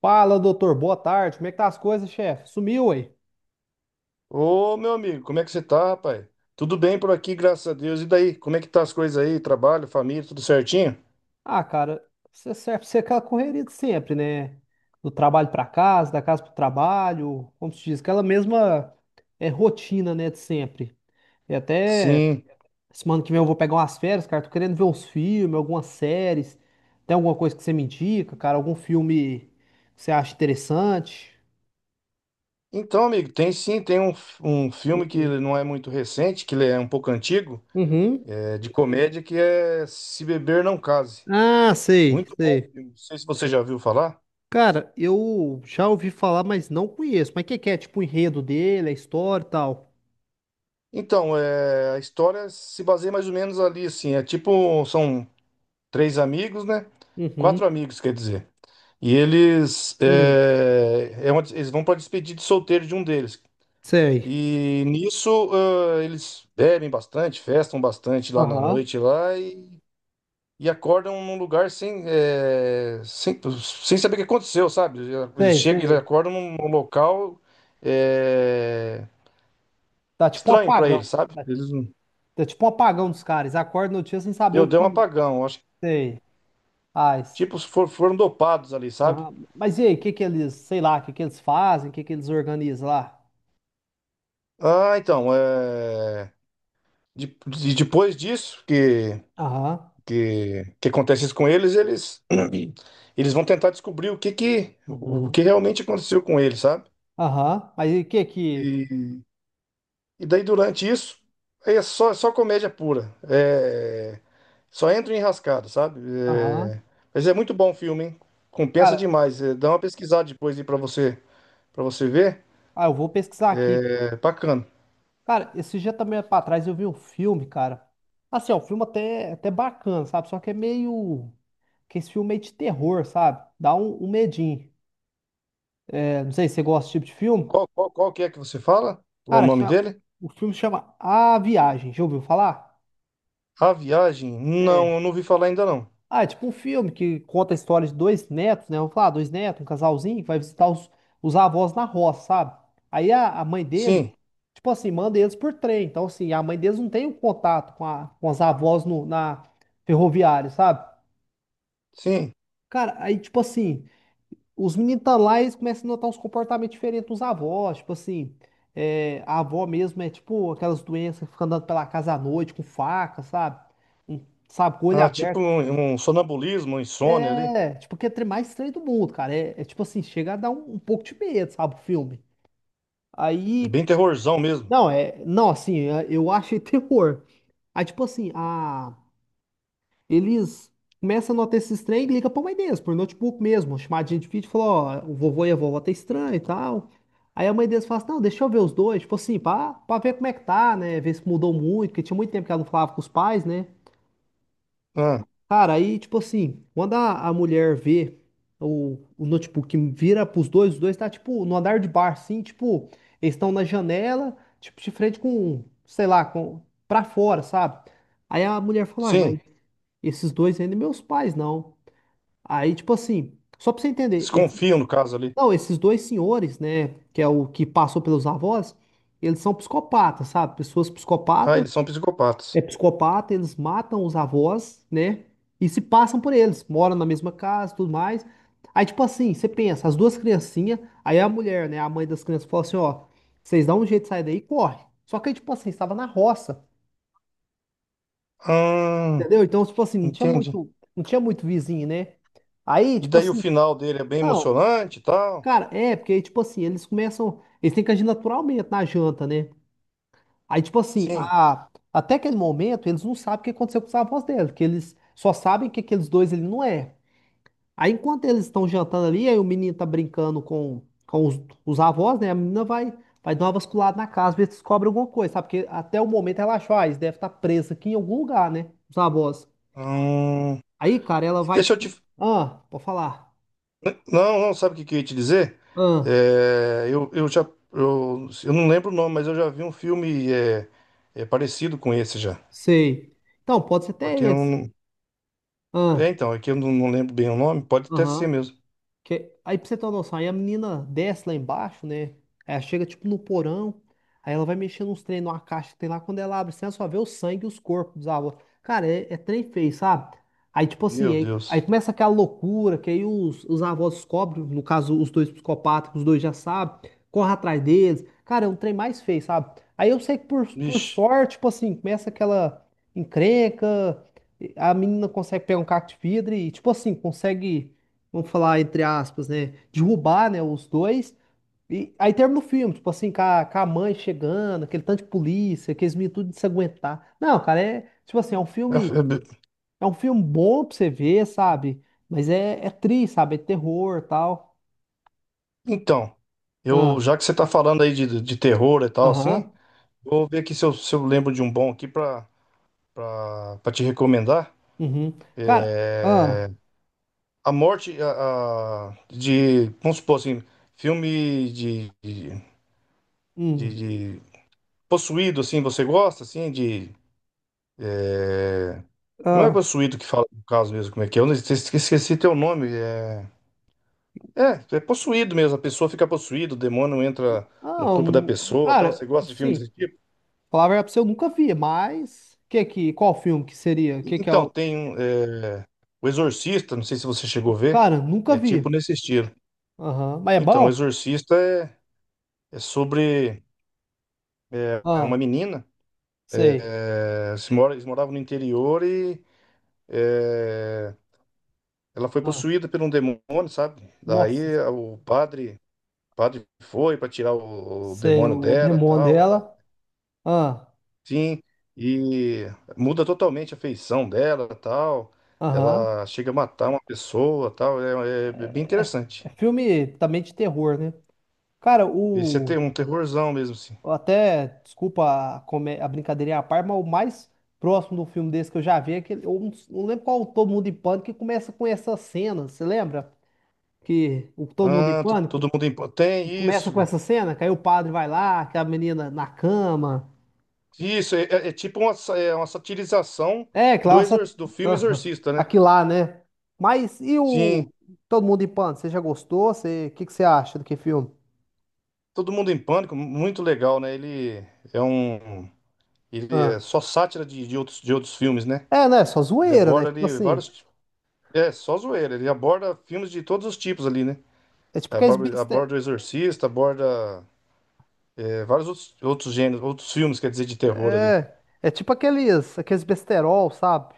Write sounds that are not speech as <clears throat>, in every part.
Fala, doutor. Boa tarde. Como é que tá as coisas, chefe? Sumiu aí? Ô, meu amigo, como é que você tá, rapaz? Tudo bem por aqui, graças a Deus. E daí, como é que tá as coisas aí? Trabalho, família, tudo certinho? Ah, cara, você serve pra ser aquela correria de sempre, né? Do trabalho pra casa, da casa pro trabalho, como se diz, aquela mesma rotina, né, de sempre. E até Sim. semana que vem eu vou pegar umas férias, cara. Tô querendo ver uns filmes, algumas séries. Tem alguma coisa que você me indica, cara? Algum filme que você acha interessante? Então, amigo, tem sim, tem um filme que ele não é muito recente, que ele é um pouco antigo, Uhum. é de comédia, que é Se Beber Não Case. Ah, sei, Muito bom sei. filme. Não sei se você já viu falar. Cara, eu já ouvi falar, mas não conheço. Mas o que que é? Tipo, o enredo dele, a história e tal. Então, é, a história se baseia mais ou menos ali, assim, é tipo, são três amigos, né? Uhum. Quatro amigos, quer dizer. E eles, Hum. Eles vão para despedida de solteiro de um deles. Sei. E nisso, ah, eles bebem bastante, festam bastante lá na Aham. noite lá e acordam num lugar sem, sem saber o que aconteceu, sabe? Eles Sei, chegam, eles sei. acordam num, num local é, Tá tipo um estranho para apagão. eles, sabe? Tá, Eles, não- tá tipo um apagão dos caras. Acorda no dia sem saber deu, o deu um que. apagão, acho que Sei. Faz. tipo foram dopados ali, sabe? Aham. Mas e aí, o que que eles, sei lá, o que que eles fazem, o que que eles organizam lá? Ah, então, é, depois disso que Aham. que, que acontece isso com eles, eles <clears throat> eles vão tentar descobrir o que que o Uhum. que realmente aconteceu com eles, sabe? Aham. Mas e o que que. E, e daí durante isso aí é só comédia pura, é só entra em enrascada, sabe? Aham. É, mas é muito bom o filme, hein? Compensa Cara, demais. É, dá uma pesquisada depois aí para você ver, ah, eu vou pesquisar aqui. é bacana. Cara, esse dia também pra trás eu vi um filme, cara. Assim, é um filme até, até bacana, sabe? Só que é meio. Que esse filme é meio de terror, sabe? Dá um, um medinho. É, não sei se você gosta desse tipo de filme. Qual que é que você fala? Qual o Cara, nome dele? o filme chama A Viagem. Já ouviu falar? A Viagem? É. Não, eu não ouvi falar ainda não. Ah, é tipo um filme que conta a história de dois netos, né? Vamos falar, dois netos, um casalzinho, que vai visitar os avós na roça, sabe? Aí a mãe dele, Sim, tipo assim, manda eles por trem. Então, assim, a mãe deles não tem o contato com, a, com as avós no, na ferroviária, sabe? sim. Cara, aí, tipo assim, os meninos tá lá e eles começam a notar uns comportamentos diferentes dos avós. Tipo assim, é, a avó mesmo é tipo aquelas doenças que fica andando pela casa à noite com faca, sabe? Sabe, com o olho Ah, tipo aberto. um, um sonambulismo, um insônia ali. É, tipo, que é o trem mais estranho do mundo, cara. É, é, tipo assim, chega a dar um pouco de medo, sabe, o filme. É Aí, bem terrorzão mesmo. não, é, não, assim, é, eu achei <laughs> terror. Aí, tipo assim, a. Eles começam a notar esses trem e ligam pra mãe deles, por notebook mesmo, uma chamadinha de vídeo, falou, ó, o vovô e a vovó tá estranho e tal. Aí a mãe deles fala assim, não, deixa eu ver os dois, tipo assim, pra ver como é que tá, né, ver se mudou muito, porque tinha muito tempo que ela não falava com os pais, né. Ah, Cara, aí, tipo assim, quando a mulher vê o notebook vira pros dois, os dois tá, tipo, no andar de bar assim, tipo, eles estão na janela, tipo, de frente com, sei lá, com, pra fora, sabe? Aí a mulher falou, "Ai, sim. mas esses dois ainda meus pais, não. Aí, tipo assim, só pra você entender, Desconfiam no caso ali. não, esses dois senhores, né, que é o que passou pelos avós, eles são psicopatas, sabe? Pessoas Ah, psicopatas, eles são é psicopatas. psicopata, eles matam os avós, né, e se passam por eles, moram na mesma casa, tudo mais. Aí, tipo assim, você pensa, as duas criancinhas, aí a mulher, né, a mãe das crianças fala assim, ó, vocês dão um jeito de sair daí e corre. Só que aí, tipo assim, estava na roça, Ah, entendeu? Então, tipo assim, não tinha entendi. muito, não tinha muito vizinho, né? Aí, E tipo daí o assim, final dele é bem não. emocionante e tal? Cara, é, porque aí, tipo assim, eles começam. Eles têm que agir naturalmente na janta, né? Aí, tipo assim, Sim. Até aquele momento, eles não sabem o que aconteceu com os avós dela, porque eles só sabem que aqueles dois ele não é. Aí, enquanto eles estão jantando ali, aí o menino tá brincando com, os avós, né? A menina vai, vai dar uma vasculada na casa, ver se descobre alguma coisa, sabe? Porque até o momento ela achou, ah, eles devem estar presos aqui em algum lugar, né? Os avós. Hum, Aí, cara, ela e vai, deixa eu tipo, te. ah, pode falar. Não, não, sabe o que que eu ia te dizer? Ah, É, eu já. Eu não lembro o nome, mas eu já vi um filme é, é parecido com esse já. sei. Então, pode ser Só até que eu esse. não. É, Ah. então, é que eu não, não lembro bem o nome. Pode até ser Aham. mesmo. Que, aí pra você ter uma noção, aí a menina desce lá embaixo, né? Ela chega tipo no porão, aí ela vai mexendo uns trem numa caixa que tem lá, quando ela abre, você só vê o sangue e os corpos dos avós. Cara, é, é trem feio, sabe? Aí tipo Meu assim, aí Deus. começa aquela loucura, que aí os avós descobrem, no caso os dois psicopatas, que os dois já sabem, corre atrás deles. Cara, é um trem mais feio, sabe? Aí eu sei que por Vixe. sorte, tipo assim, começa aquela encrenca, a menina consegue pegar um cacto de vidro e tipo assim, consegue vamos falar entre aspas, né, derrubar, né, os dois. E aí termina o filme, tipo assim, com com a mãe chegando, aquele tanto de polícia, aqueles meninos tudo de se aguentar. Não, cara, é, tipo assim, É, é, é um filme bom pra você ver, sabe? Mas é, é triste, sabe? É terror, tal. então, eu Ah, já que você tá falando aí de terror e tal, aham, assim, vou ver aqui se eu lembro de um bom aqui pra te recomendar. uhum. Cara, ah, É, a morte a- de, vamos supor assim, filme de- hum, de possuído, assim, você gosta, assim, de... é, não é ah, possuído que fala do caso mesmo, como é que é? Eu não- esqueci, esqueci teu nome. É possuído mesmo, a pessoa fica possuída, o demônio entra no ah, corpo da um, pessoa, tal. cara, Você gosta de filme sim, desse tipo? falar a verdade pra você, eu nunca vi, mas que, qual filme que seria? Que é Então, o... tem um, é, o Exorcista, não sei se você chegou a ver, Cara, nunca é tipo vi. nesse estilo. Aham, mas é Então, o bom? Exorcista é, é sobre é, é uma Ah, menina, sei. Se mora, eles moravam no interior e é, ela foi Ah, possuída por um demônio, sabe? nossa, O padre, padre foi para tirar o sei demônio o dela, demônio tal, ela, dela. Ah, sim, e muda totalmente a feição dela, tal. aham. Ela chega a matar uma pessoa, tal, é é bem É, é interessante. filme também de terror, né? Cara, Esse é o. ter um terrorzão mesmo, assim. Até, desculpa a, a brincadeirinha à parte, mas o mais próximo do filme desse que eu já vi é aquele. Eu não, não lembro qual é o Todo Mundo em Pânico que começa com essa cena. Você lembra? Que o Todo Mundo em Ah, todo Pânico mundo em... que tem começa com isso. essa cena, que aí o padre vai lá, que a menina na cama. Isso é, é tipo uma, é uma satirização É, do, Klaus, exor... do filme aham, Exorcista, né? aqui lá, né? Mas e o Sim, Todo Mundo em Pânico? Você já gostou? Você, o que que você acha do que filme? Todo Mundo em Pânico, muito legal, né? Ele é um. Ele Ah. é só sátira de, de outros filmes, né? É, né? Só Ele zoeira, né? aborda Tipo ali assim, vários. É, só zoeira. Ele aborda filmes de todos os tipos ali, né? é tipo aqueles Aborda, beste... aborda o Exorcista, aborda é, vários outros, outros gêneros, outros filmes, quer dizer, de terror ali. é, é tipo aqueles, aqueles besterol, sabe?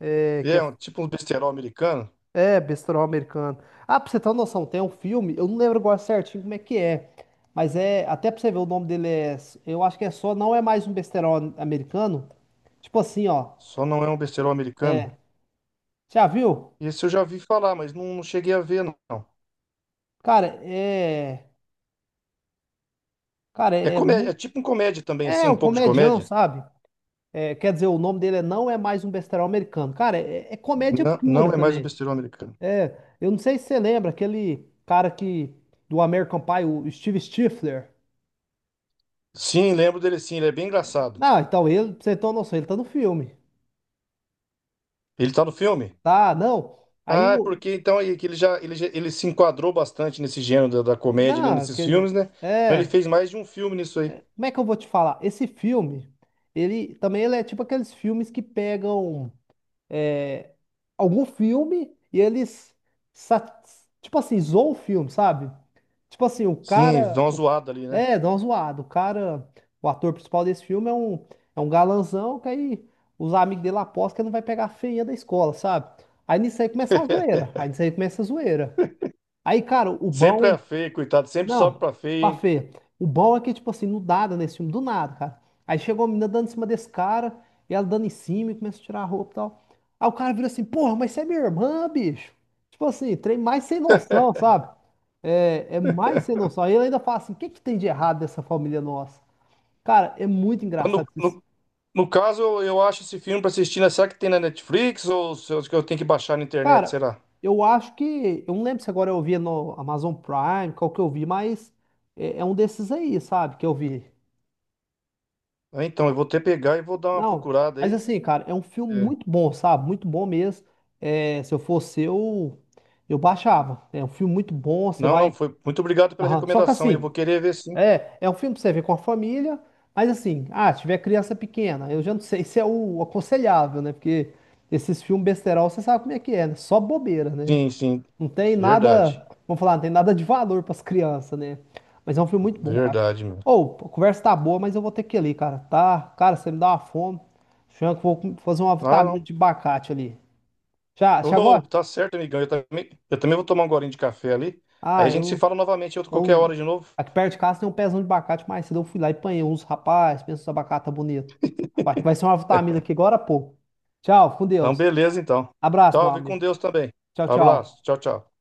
É, E que é é, um, tipo um besterol americano. é besterol americano. Ah, pra você ter uma noção, tem um filme, eu não lembro agora certinho como é que é, mas é, até pra você ver o nome dele é, eu acho que é só, não é mais um besterol americano. Tipo assim, ó, Só não é um besterol americano. é, já viu? Esse eu já vi falar, mas não, não cheguei a ver, não. Cara, é. Cara, É é comédia, é muito. tipo um comédia também, assim, É um um pouco de comedião, comédia. sabe? É, quer dizer, o nome dele é Não É Mais Um Besterol Americano. Cara, é, é comédia Não, não pura é mais um também. besterol americano. É, eu não sei se você lembra aquele cara que. Do American Pie, o Steve Stifler. Sim, lembro dele sim, ele é bem engraçado. Não, então ele, pra você ter uma noção, ele tá no filme. Ele tá no filme? Tá, não. Aí Ah, é o. porque então aí que ele já, ele se enquadrou bastante nesse gênero da, da comédia ali Não, nesses aquele. filmes, né? Então ele É. fez mais de um filme nisso aí. Como é que eu vou te falar? Esse filme, ele é tipo aqueles filmes que pegam. É, algum filme e eles, sa- tipo assim, zoam o filme, sabe? Tipo assim, o Sim, dá cara. uma O- zoada ali, né? é, dá uma zoada. O cara, o ator principal desse filme é um galanzão que aí os amigos dele apostam que ele não vai pegar a feinha da escola, sabe? Aí nisso aí começa a <laughs> zoeira. Aí nisso aí começa a zoeira. Aí, cara, o Sempre é bom. feio, coitado, sempre sobe Não, pra feio, pá, hein? Fê. O bom é que, tipo assim, do nada, nesse filme, do nada, cara. Aí chegou a menina dando em cima desse cara, e ela dando em cima e começa a tirar a roupa e tal. Aí o cara vira assim, porra, mas você é minha irmã, bicho. Tipo assim, trem mais sem noção, sabe? É, é mais sem noção. Aí ele ainda fala assim, o que que tem de errado dessa família nossa? Cara, é muito Quando, engraçado isso. no- No caso, eu acho esse filme pra assistir, né? Será que tem na Netflix ou se eu tenho que baixar na internet, Cara, será? eu acho que, eu não lembro se agora eu via no Amazon Prime, qual que eu vi, mas é, é um desses aí, sabe, que eu vi. Ah, então, eu vou até pegar e vou dar uma Não, procurada mas aí. assim, cara, é um filme É. muito bom, sabe? Muito bom mesmo. É, se eu fosse eu baixava. É um filme muito bom, você Não, não, vai. foi. Muito obrigado pela Aham. Só que recomendação. Eu vou assim, querer ver sim. é, é um filme pra você ver com a família, mas assim, ah, se tiver criança pequena, eu já não sei <laughs> se é o aconselhável, né? Porque esses filmes besterol, você sabe como é que é, né? Só bobeira, né? Sim, sim. Não tem Verdade. nada, vamos falar, não tem nada de valor para as crianças, né? Mas é um filme muito bom, cara. Verdade, meu. Ou, a conversa tá boa, mas eu vou ter que ir ali, cara. Tá, cara, você me dá uma fome. Acho que eu vou fazer uma Ah, vitamina não. de abacate ali. Já, já Oh, agora? tá certo, amigão. Eu também vou tomar um golinho de café ali. Aí Ah, a gente se eu, fala novamente em outra qualquer então, hora de novo. aqui perto de casa tem um pezão de abacate, mas cedo eu fui lá e apanhei uns, rapaz, pensa os abacate tá bonito. Acho que vai ser uma vitamina <laughs> aqui agora, pô. Tchau, fica com Então, Deus. beleza, então. Abraço, meu Salve com amigo. Deus também. Tchau, Abraço. tchau. Tchau, tchau.